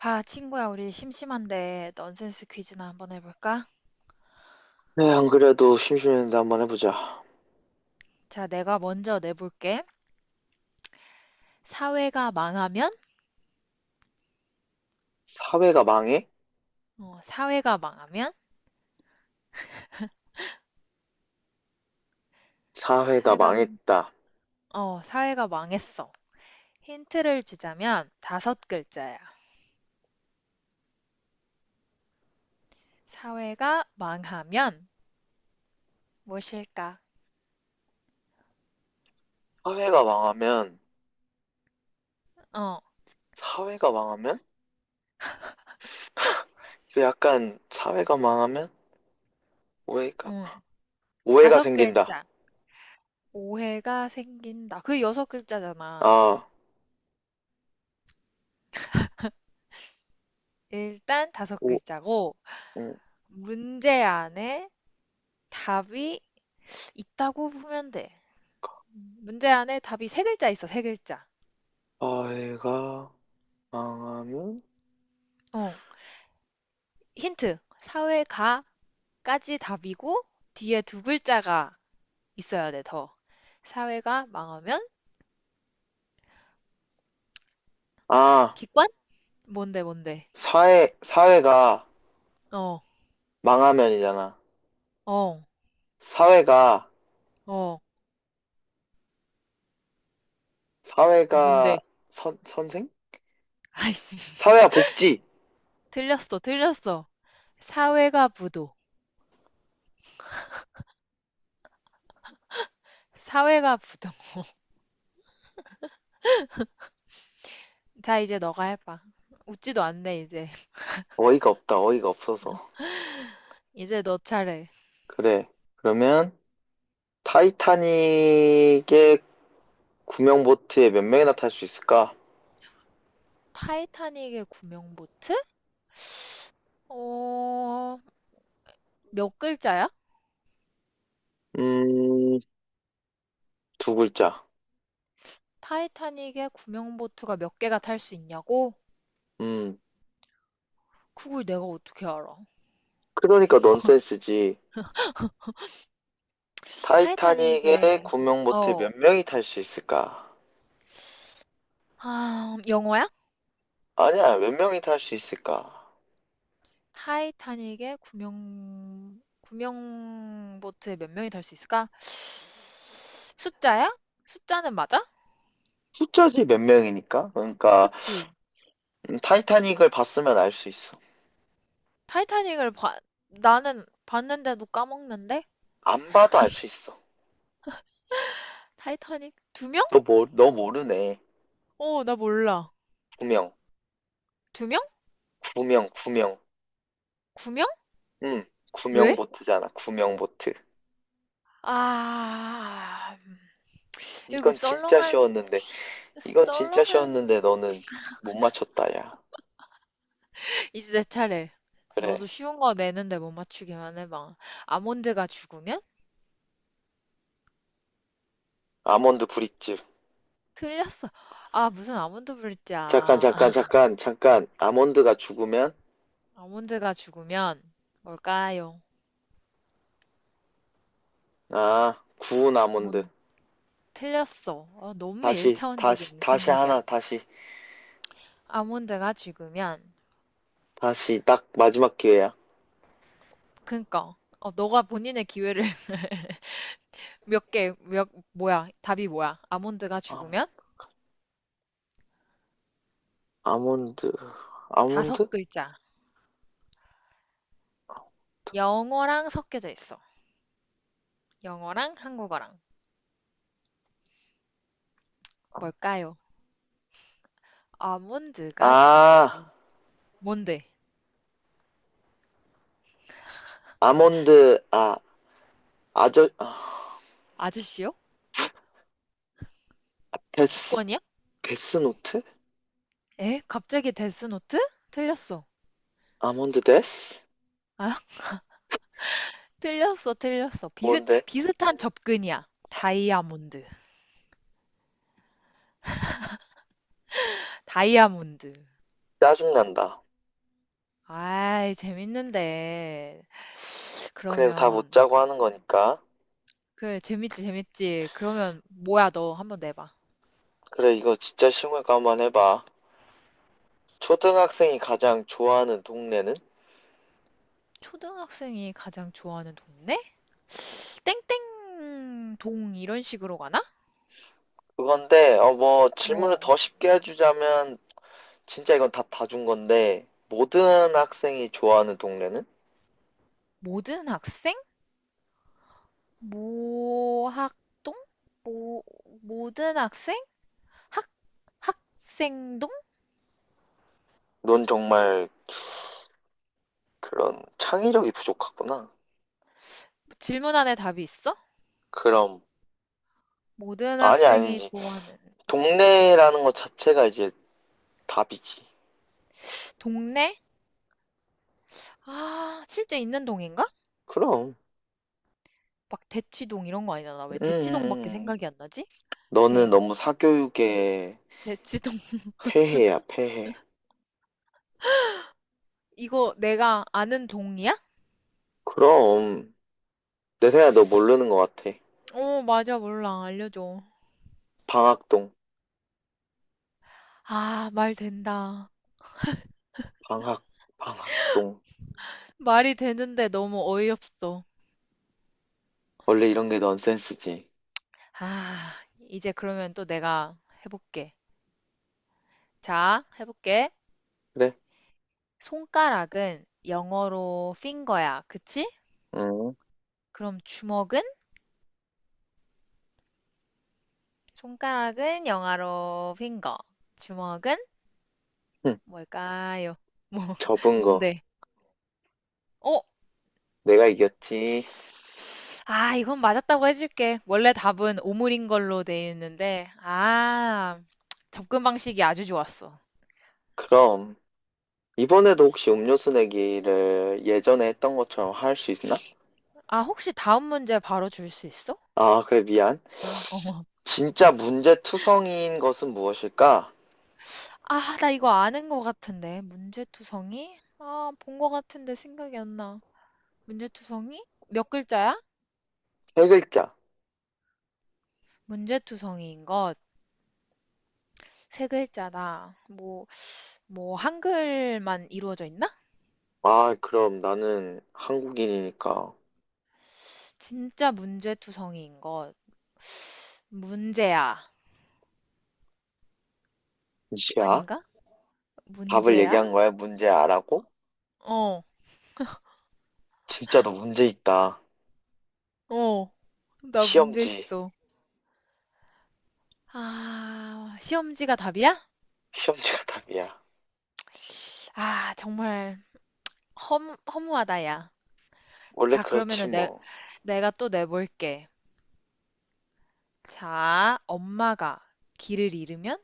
아, 친구야, 우리 심심한데 넌센스 퀴즈나 한번 해볼까? 네, 안 그래도 심심했는데 한번 해보자. 자, 내가 먼저 내볼게. 사회가 망하면? 사회가 망해? 어, 사회가 망하면? 사회가 사회가, 망했다. 어, 사회가 망했어. 힌트를 주자면 다섯 글자야. 사회가 망하면 무엇일까? 사회가 망하면, 어, 사회가 망하면? 이거 약간, 사회가 망하면? 오해가, 음, 오해가 다섯 생긴다. 글자. 오해가 생긴다. 그 여섯 글자잖아. 아, 일단 다섯 오, 글자고, 음, 문제 안에 답이 있다고 보면 돼. 문제 안에 답이 세 글자 있어, 세 글자. 사회가 망하면? 어, 힌트. 사회가까지 답이고, 뒤에 두 글자가 있어야 돼, 더. 사회가 망하면 아, 기관? 뭔데, 뭔데? 사회가 어, 망하면이잖아. 어, 사회가, 어, 사회가 뭔데? 선생? 아이씨. 사회와 복지! 틀렸어, 틀렸어. 사회가 부도. 사회가 부도. 자, 이제 너가 해봐. 웃지도 않네, 이제. 어이가 없다, 어이가 없어서. 이제 너 차례. 그래. 그러면, 타이타닉의 구명 보트에 몇 명이나 탈 수 있을까? 타이타닉의 구명보트? 어, 몇 글자야? 음, 두 글자. 타이타닉에 구명보트가 몇 개가 탈 수 있냐고? 음, 그걸 내가 어떻게 알아? 그러니까 넌센스지. 타이타닉에 타이타닉에 구명 보트에 어. 몇 명이 탈 수 있을까? 아, 영어야? 아니야, 몇 명이 탈 수 있을까? 타이타닉에 구명보트에 몇 명이 탈 수 있을까? 숫자야? 숫자는 맞아? 숫자지 몇 명이니까. 그러니까 그치? 타이타닉을 봤으면 알 수 있어. 타이타닉을 봐 나는 봤는데도 까먹는데? 안 봐도 알 수 있어. 타이타닉 두 명? 너 모르네. 어, 나 몰라. 구명, 두 명? 구명. 구 명? 음, 왜? 구명 보트잖아. 구명 보트. 아, 이거 이건 진짜 썰렁한 쉬웠는데, 이건 진짜 썰렁한 쉬웠는데 너는 못 맞췄다, 야. 이제 내 차례. 너도 그래. 쉬운 거 내는데 못 맞추기만 해봐. 아몬드가 죽으면? 아몬드 브릿집. 틀렸어. 아, 무슨 아몬드 잠깐, 불자. 잠깐, 잠깐, 잠깐. 아몬드가 죽으면, 아몬드가 죽으면 뭘까요? 아, 구운 아몬드. 뭔, 틀렸어. 어, 너무 일차원적인 생각이야. 다시, 아몬드가 죽으면, 다시, 딱 마지막 기회야. 그니까, 어, 너가 본인의 기회를 몇 개, 몇, 뭐야, 답이 뭐야? 아몬드가 아몬, 죽으면? 아몬드, 다섯 아몬드? 글자. 영어랑 섞여져 있어. 영어랑 한국어랑. 뭘까요? 아몬드가 아, 죽으면. 뭔데? 아몬드, 아, 아저, 아, 아저씨요? 데스, 기권이야? 데스노트? 에? 갑자기 데스노트? 틀렸어. 아몬드 데스? 아, 틀렸어, 틀렸어. 뭔데? 비슷한 접근이야. 다이아몬드. 다이아몬드. 짜증난다. 아이, 재밌는데. 그래도 다 못 그러면, 짜고 하는 거니까. 그래, 재밌지, 재밌지. 그러면, 뭐야, 너 한번 내봐. 그래, 이거 진짜 쉬운 거 한번 해봐. 초등학생이 가장 좋아하는 동네는? 초등학생이 가장 좋아하는 동네? 땡땡 동, 이런 식으로 가나? 그건데, 어, 뭐, 질문을 뭐, 더 쉽게 해주자면, 진짜 이건 답 다 준 건데, 모든 학생이 좋아하는 동네는? 모든 학생? 모학동? 모, 모든 학생? 학생동? 넌 정말 그런 창의력이 부족하구나. 질문 안에 답이 있어? 그럼, 모든 아니, 학생이 아니지. 좋아하는 동네라는 것 자체가 이제 답이지. 동네? 아, 실제 있는 동인가? 그럼, 막 대치동 이런 거 아니잖아. 왜 음, 음, 대치동밖에 음. 생각이 안 나지? 너는 대, 너무 대, 사교육에 대치동. 폐해야, 폐해. 이거 내가 아는 동이야? 그럼, 내 생각에 너 모르는 것 같아. 어, 맞아. 몰라. 알려줘. 방학동, 아, 말 된다. 방학, 방학동. 말이 되는데 너무 어이없어. 원래 이런 게 넌센스지. 아, 이제 그러면 또 내가 해볼게. 자, 해볼게. 그래? 손가락은 영어로 finger야. 그치? 응. 그럼 주먹은? 손가락은 영어로 finger, 주먹은 뭘까요? 뭐, 접은 거. 뭔데? 어, 내가 이겼지. 아, 이건 맞았다고 해줄게. 원래 답은 오물인 걸로 돼 있는데, 아, 접근 방식이 아주 좋았어. 그럼, 이번에도 혹시 음료수 내기를 예전에 했던 것처럼 할 수 있나? 아, 혹시 다음 문제 바로 줄 수 있어? 아, 그래, 미안. 응. 어머. 진짜 문제투성이인 것은 무엇일까? 아, 나 이거 아는 것 같은데. 문제투성이? 아, 본 것 같은데 생각이 안 나. 문제투성이? 몇 글자야? 세 글자. 문제투성이인 것, 세 글자다. 뭐, 뭐, 한글만 이루어져 있나? 아, 그럼 나는 한국인이니까. 진짜 문제투성이인 것. 문제야. 문제야? 아닌가? 답을 문제야? 얘기한 거야? 문제 아라고? 어, 진짜 너 문제 있다. 어, 나 문제 시험지. 있어. 아, 시험지가 답이야? 시험지가 답이야. 아, 정말 허무하다, 야. 원래 자, 그렇지, 그러면은 내, 뭐. 내가 또 내볼게. 자, 엄마가 길을 잃으면?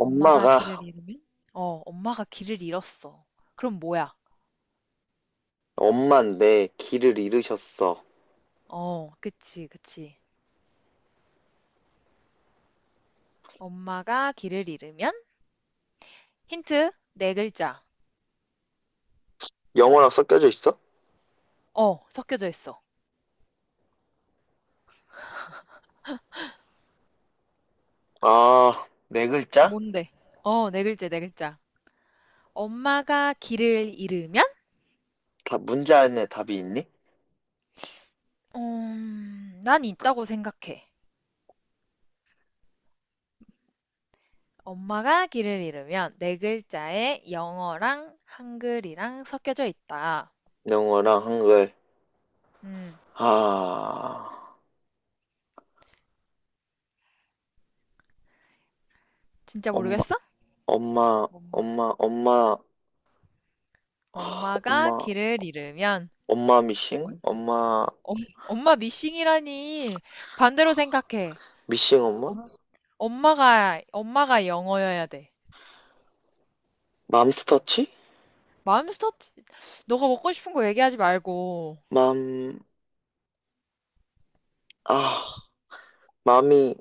엄마가 길을 잃으면? 어, 엄마가 길을 잃었어. 그럼 뭐야? 엄만 내 길을 잃으셨어. 어, 그치, 그치. 엄마가 길을 잃으면? 힌트, 네 글자. 영어랑 섞여져 있어? 어, 섞여져 있어. 아, 네 글자? 뭔데? 어, 네 글자, 네 글자. 엄마가 길을 잃으면? 다 문제 안에 답이 있니? 난 있다고 생각해. 엄마가 길을 잃으면 네 글자에 영어랑 한글이랑 섞여져 있다. 영어랑 한글. 음, 아, 진짜 엄마, 모르겠어? 엄마. 엄마, 아, 엄마가 엄마, 길을 잃으면 엄마 미싱? 뭘까? 엄마, 엄, 엄마 미싱이라니. 반대로 생각해. 미싱 엄마? 엄, 엄마가 영어여야 돼. 맘스터치? 맘스터치. 너가 먹고 싶은 거 얘기하지 말고. 맘, 아, 맘이,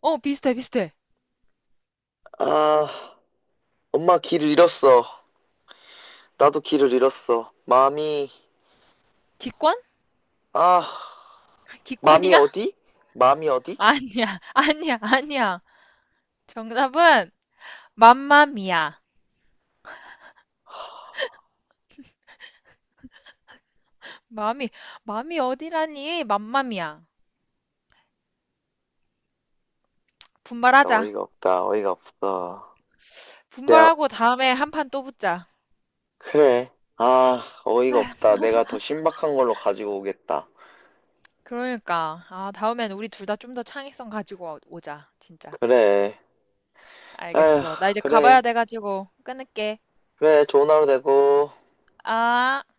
어, 비슷해, 비슷해. 아, 엄마 길을 잃었어. 나도 길을 잃었어. 맘이, 기권? 아, 맘이 기권이야? 어디? 맘이 어디? 아니야, 아니야, 아니야. 정답은 맘마미야. 맘이, 맘이 어디라니? 맘마미야. 나 분발하자. 어이가 없다, 어이가 없어. 내가, 분발하고 다음에 한 판 또 붙자. 그래. 아, 어이가 아휴, 없다. 내가 더 신박한 걸로 가지고 오겠다. 그러니까. 아, 다음엔 우리 둘 다 좀 더 창의성 가지고 오자. 진짜. 그래. 아휴, 알겠어. 나 이제 가봐야 그래. 돼가지고 끊을게. 그래. 좋은 하루 되고. 아.